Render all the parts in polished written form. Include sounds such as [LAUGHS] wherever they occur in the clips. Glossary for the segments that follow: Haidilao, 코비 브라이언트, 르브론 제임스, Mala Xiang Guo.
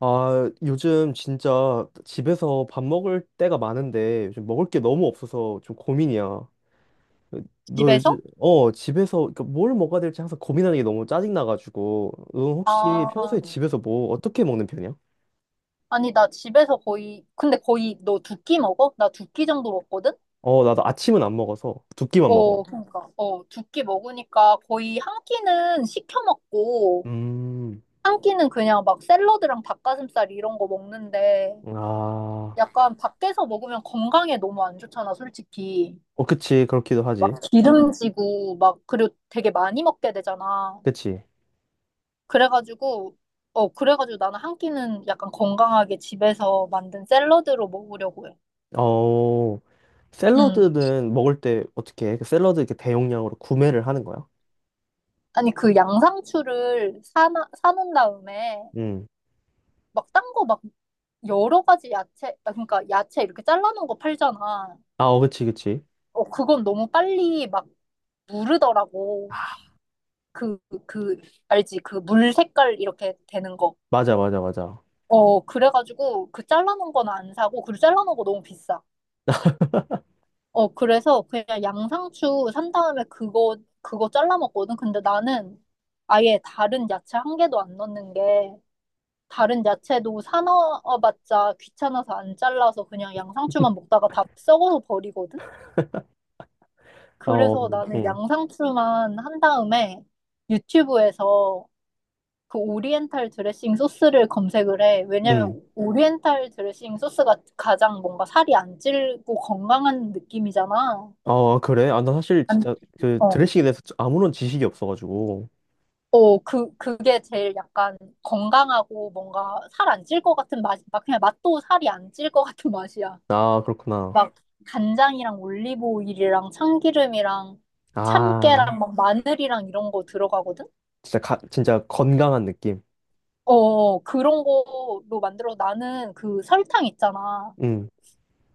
아, 요즘 진짜 집에서 밥 먹을 때가 많은데 요즘 먹을 게 너무 없어서 좀 고민이야. 너 요즘 집에서? 집에서 그러니까 뭘 먹어야 될지 항상 고민하는 게 너무 짜증 나가지고 넌 혹시 아, 평소에 집에서 뭐 어떻게 먹는 편이야? 아니, 나 집에서 거의, 근데 거의 너 두끼 먹어? 나 두끼 정도 먹거든? 어, 나도 아침은 안 먹어서 두 끼만 먹어. 그러니까, 두 끼 먹으니까 거의 한 끼는 시켜 먹고, 음, 한 끼는 그냥 막 샐러드랑 닭가슴살 이런 거 먹는데, 아, 약간 밖에서 먹으면 건강에 너무 안 좋잖아, 솔직히. 어 그치 그렇기도 막 하지. 기름지고, 막, 그리고 되게 많이 먹게 되잖아. 그치. 그래가지고, 그래가지고 나는 한 끼는 약간 건강하게 집에서 만든 샐러드로 먹으려고 해. 어 응. 샐러드는 먹을 때 어떻게 해? 그 샐러드 이렇게 대용량으로 구매를 하는 거야? 아니, 그 양상추를 사놓은 다음에, 음. 막, 딴 거 막, 여러 가지 야채, 그러니까 야채 이렇게 잘라놓은 거 팔잖아. 아, 어, 그치, 그치. 그건 너무 빨리 막, 무르더라고. 그, 그, 알지? 그 물 색깔 이렇게 되는 거. 맞아, 맞아, 맞아. 그래가지고, 그 잘라놓은 건 안 사고, 그리고 잘라놓은 거 너무 비싸. 그래서 그냥 양상추 산 다음에 그거 잘라 먹거든. 근데 나는 아예 다른 야채 한 개도 안 넣는 게, 다른 야채도 사놔봤자 귀찮아서 안 잘라서 그냥 양상추만 먹다가 다 썩어서 버리거든? 어, 그래서 나는 응, 양상추만 한 다음에 유튜브에서 그 오리엔탈 드레싱 소스를 검색을 해. 응. 왜냐면 오리엔탈 드레싱 소스가 가장 뭔가 살이 안 찔고 건강한 느낌이잖아. 아, 그래? 아, 나 사실 안, 진짜 그 어. 드레싱에 대해서 아무런 지식이 없어가지고. 그게 제일 약간 건강하고 뭔가 살 안 찔 것 같은 맛, 막 그냥 맛도 살이 안 찔 것 같은 맛이야. 아, 그렇구나. 막 간장이랑 올리브 오일이랑 참기름이랑 아, 참깨랑 막 마늘이랑 이런 거 들어가거든? 진짜 건강한 느낌. 어, 어, 어. 그런 거로 만들어. 나는 그 설탕 있잖아. 응.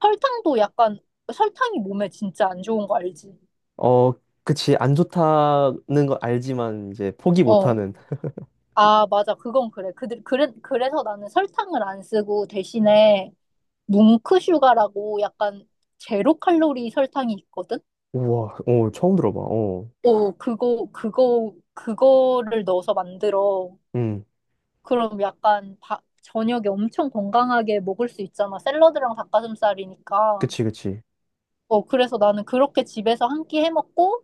설탕도 약간, 설탕이 몸에 진짜 안 좋은 거 알지? 어, 그치. 안 좋다는 걸 알지만 이제 포기 어. 못하는. 맞아. 그건 그래. 그래서 나는 설탕을 안 쓰고 대신에 뭉크슈가라고 약간 제로 칼로리 설탕이 있거든? 우와, 어, 처음 들어봐. 어, 그거를 넣어서 만들어. 응. 그럼 약간 저녁에 엄청 건강하게 먹을 수 있잖아. 샐러드랑 닭가슴살이니까. 그치, 그치. 그래서 나는 그렇게 집에서 한 끼 해 먹고,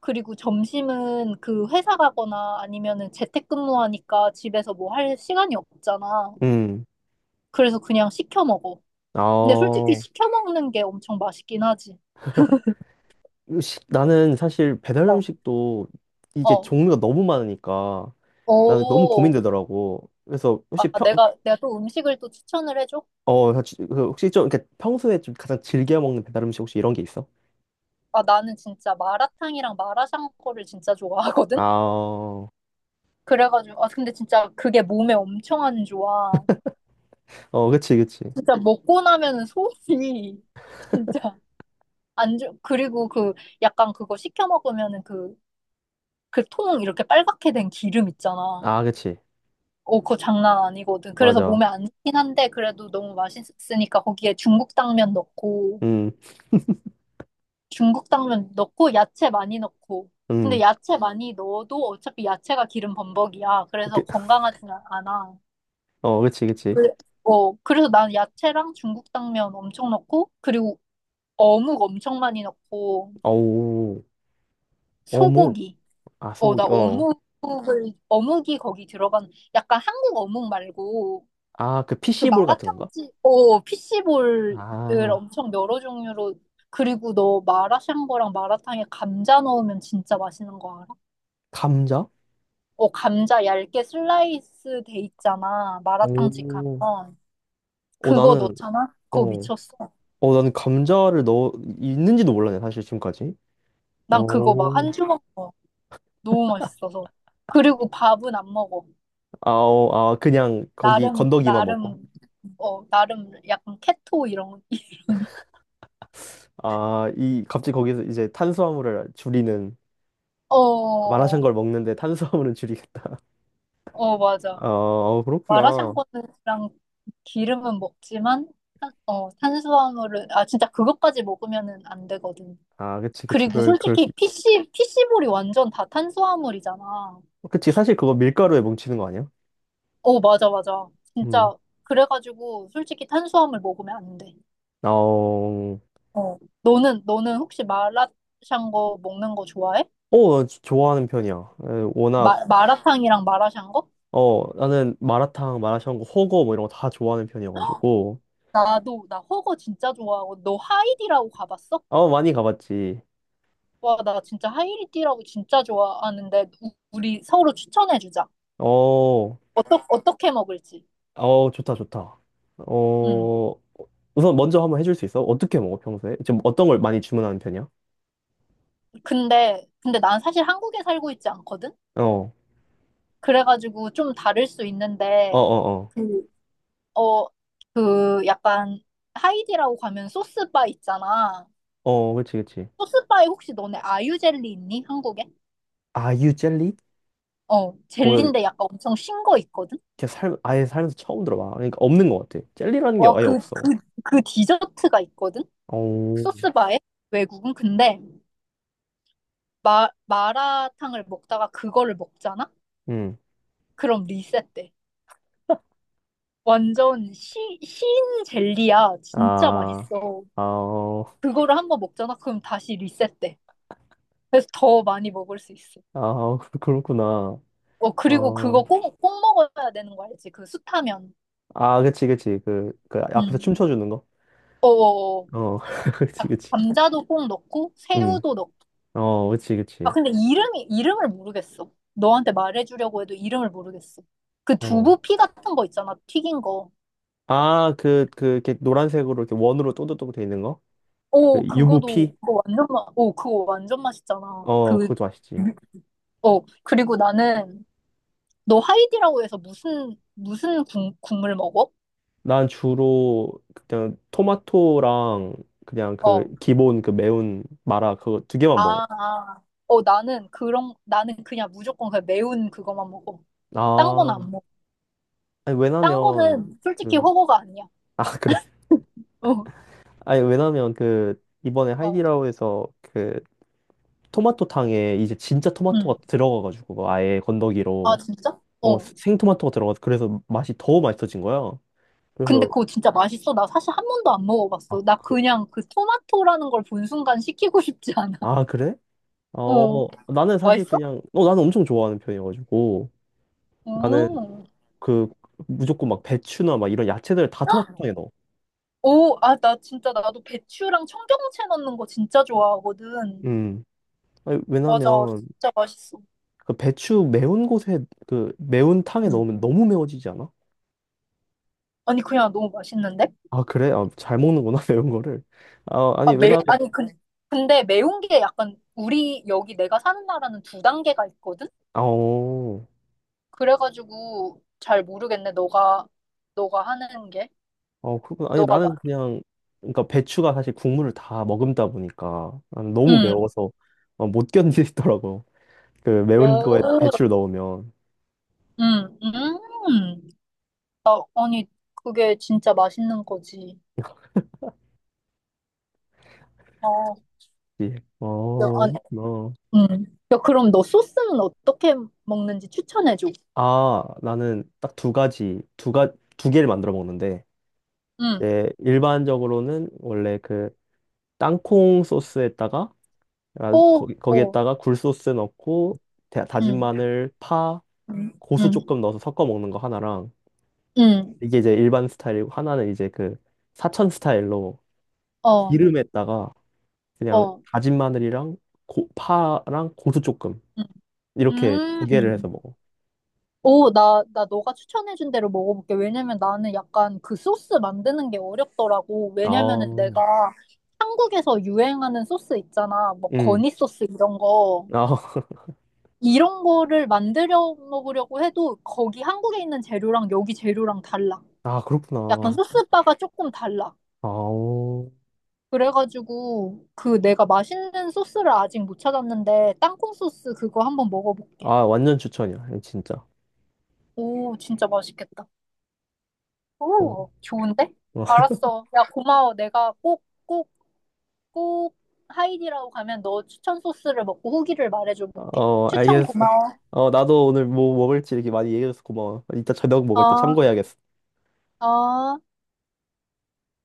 그리고 점심은 그 회사 가거나 아니면은 재택근무하니까 집에서 뭐 할 시간이 없잖아. 응. 그래서 그냥 시켜 먹어. 근데 솔직히 아, 시켜 먹는 게 엄청 맛있긴 하지. 나는 사실 배달 어, 음식도 이게 어. 종류가 너무 많으니까 나는 너무 오. 고민되더라고. 그래서 내가 또 음식을 또 추천을 해줘? 혹시 좀, 이렇게 평소에 좀 가장 즐겨 먹는 배달 음식 혹시 이런 게 있어? 나는 진짜 마라탕이랑 마라샹궈를 진짜 아, 좋아하거든? 어, 근데 진짜 그게 몸에 엄청 안 좋아. 어, 그치, 그치. 진짜 먹고 나면은 속이 [LAUGHS] 진짜 안 좋, 그리고 그 약간 그거 시켜 먹으면은 그 통 이렇게 빨갛게 된 기름 있잖아. 아, 그치. 그거 장난 아니거든. 그래서 몸에 맞아. 안 좋긴 한데, 그래도 너무 맛있으니까 거기에 중국 당면 넣고, 음, 중국 당면 넣고, 야채 많이 넣고. 근데 음. 야채 많이 넣어도 어차피 야채가 기름 범벅이야. 그래서 그, 건강하진 않아. 어, 그치, 그치. 그래- 그래서 난 야채랑 중국 당면 엄청 넣고, 그리고 어묵 엄청 많이 넣고, 어우, 어묵. 소고기. 아, 소고기. 어. 어묵이 거기 들어간, 약간 한국 어묵 말고, 아, 그 피그 시볼 같은 건가? 마라탕집, 피시볼을 아, 엄청 여러 종류로, 그리고 너 마라샹궈랑 마라탕에 감자 넣으면 진짜 맛있는 거 알아? 감자? 어, 감자 얇게 슬라이스 돼 있잖아. 마라탕집 오. 가면. 어, 그거 나는, 넣잖아? 그거 어. 미쳤어. 어, 나는 감자를 넣어, 있는지도 몰랐네, 사실 지금까지. 난 그거 막 어. 한 주먹 먹어. 너무 맛있어서. 그리고 밥은 안 먹어. 아, 어, 아, 그냥 거기 나름, 건더기만 먹고. 나름, 나름 약간 케토 이런, [LAUGHS] 이런. 아, 이 갑자기 거기서 이제 탄수화물을 줄이는 마라샹 어, 걸 먹는데 탄수화물은 줄이겠다. [LAUGHS] 어, 맞아. 아, 어, 그렇구나. 마라샹궈랑 기름은 먹지만, 탄수화물을, 진짜 그것까지 먹으면은 안 되거든. 아, 그치, 그치. 그리고 그럴 수 솔직히 있지. PC볼이 완전 다 탄수화물이잖아. 어, 그치, 사실 그거 밀가루에 뭉치는 거 아니야? 어, 맞아, 맞아. 음. 진짜, 그래가지고 솔직히 탄수화물 먹으면 안 돼. 아, 어, 어. 너는 혹시 마라샹궈 먹는 거 좋아해? 어, 좋아하는 편이야. 에, 워낙, 마라탕이랑 마라샹궈? 어, 나는 마라탕, 마라샹궈, 호거 뭐 이런 거 다 좋아하는 편이어가지고. 나도 나 허거 진짜 좋아하고 너 하이디라고 가봤어? 어, 많이 가봤지. 와 나 진짜 하이디라고 진짜 좋아하는데 우리 서로 추천해주자. 어, 어떻게 먹을지. 어, 좋다, 좋다. 음. 어, 우선 먼저 한번 해줄 수 있어? 어떻게 먹어, 평소에? 지금 어떤 걸 많이 주문하는 편이야? 근데 난 사실 한국에 살고 있지 않거든? 어. 그래가지고 좀 다를 수 있는데 어어어. 어, 그, 어, 약간 하이디라고 가면 소스바 있잖아. 어. 어, 그치, 그치. 소스바에 혹시 너네 아유젤리 있니? 한국에? 아유 젤리? 어, 젤리인데 약간 엄청 신 거 있거든? 아예 살면서 처음 들어봐. 그러니까 없는 것 같아. 젤리라는 게 와, 아예 그, 없어. 그, 그 디저트가 있거든? 오. 소스바에? 외국은? 마라탕을 먹다가 그거를 먹잖아? 응. 그럼 리셋돼. 완전 신 젤리야. 진짜 아, 맛있어. 아, 그거를 한 번 먹잖아? 그럼 다시 리셋돼. 그래서 더 많이 먹을 수 있어. 아, [LAUGHS] 그렇구나. 그리고 그거 어, 꼭, 꼭 먹어야 되는 거 알지? 그 숯하면. 아, 그치, 그치. 그 앞에서 응. 춤춰주는 거? 어어어. 어, [LAUGHS] 그치, 그치. 감자도 꼭 넣고, 응. 새우도 넣고, 어, 그치, 그치. 근데 이름을 모르겠어. 너한테 말해주려고 해도 이름을 모르겠어. 그 어. 두부피 같은 거 있잖아, 튀긴 거. 아, 이렇게 노란색으로 이렇게 원으로 또또또 돼 있는 거? 그 오, 부 피 그거 완전 맛, 오, 그거 완전 맛있잖아. 어, 그것도 맛있지. 그리고 나는, 너 하이디라고 해서 무슨 국물 먹어? 난 주로 그냥 토마토랑 그냥 그 어, 기본 그 매운 마라 그거 두 개만 먹어. 아, 아. 나는 그냥 무조건 그냥 매운 그거만 먹어. 딴 건 아, 안 먹어. 아니 딴 왜냐면 거는 솔직히 그, 허거가 아니야. 아, [LAUGHS] 그래. 어, 아니 왜냐면 그 이번에 어, 하이디라오에서 그 토마토탕에 이제 진짜 응. 토마토가 들어가가지고 아예 아, 건더기로 진짜? 어. 생토마토가 들어가서 그래서 맛이 더 맛있어진 거야. 근데 그래서 그거 진짜 맛있어. 나 사실 한 번도 안 아, 먹어봤어. 나 그냥 그 토마토라는 걸 본 순간 시키고 싶지 않아. 아 그래? 어, 어 나는 사실 맛있어? 그냥 나는 엄청 좋아하는 편이어가지고. 나는 오, 그 무조건 막 배추나 막 이런 야채들 다 토마토탕에 넣어. 오, 아, 나 진짜 나도 배추랑 청경채 넣는 거 진짜 좋아하거든. 음. 아니, 맞아, 왜냐면 진짜 맛있어. 그 배추 매운 곳에 그 매운 탕에 음. 넣으면 너무 매워지지 않아? 아니, 그냥 너무 맛있는데? 아 그래? 아, 잘 먹는구나 [LAUGHS] 매운 거를. 아 아니 왜냐면 아니, 근데 매운 게 약간 우리 여기 내가 사는 나라는 두 단계가 있거든? 아어 어 그래가지고 잘 모르겠네, 너가 하는 게. 어, 그렇구나. 아니 너가 막, 나는 그냥 그러니까 배추가 사실 국물을 다 머금다 보니까 나는 너무 음. 매워서 어, 못 견디더라고. 그 매운 거에 오, 배추를 넣으면. 음, 음. 아니, 그게 진짜 맛있는 거지. 어, 예. 어, 야, 아니, 어. 음. 야, 그럼 너 소스는 어떻게 먹는지 추천해줘. 아, 나는 딱 두 가지, 두 가, 두 개를 만들어 먹는데, 음. 이제 일반적으로는 원래 그 땅콩 소스에다가 아, 오, 거기, 오, 거기에다가 굴 소스 넣고 다진 음, 마늘, 파, 음, 고수 음, 조금 넣어서 섞어 먹는 거 하나랑 음. 이게 이제 일반 스타일이고 하나는 이제 그 사천 스타일로 어, 기름에다가 그냥 어, 다진 마늘이랑 파랑 고수 조금 이렇게 두 음. 개를 해서 음. 먹어. 오, 나 너가 추천해준 대로 먹어볼게. 왜냐면 나는 약간 그 소스 만드는 게 어렵더라고. 아, 왜냐면은 내가 한국에서 유행하는 소스 있잖아. 뭐, 음, 거니 소스 이런 거. 아, [LAUGHS] 이런 거를 만들어 먹으려고 해도 거기 한국에 있는 재료랑 여기 재료랑 달라. 아 약간 그렇구나. 소스바가 조금 달라. 아, 그래가지고 그 내가 맛있는 소스를 아직 못 찾았는데 땅콩 소스 그거 한번 먹어볼게. 아 완전 추천이야, 진짜. 오, 진짜 맛있겠다. 어. 오, 좋은데? 알았어. 야, 고마워. 내가 꼭, 꼭, 꼭 하이디라고 가면 너 추천 소스를 먹고 후기를 말해줘 볼게. 어, 추천 알겠어. 고마워. 어, 나도 오늘 뭐 먹을지 이렇게 많이 얘기해줘서 고마워. 이따 저녁 먹을 때 어, 참고해야겠어. 어.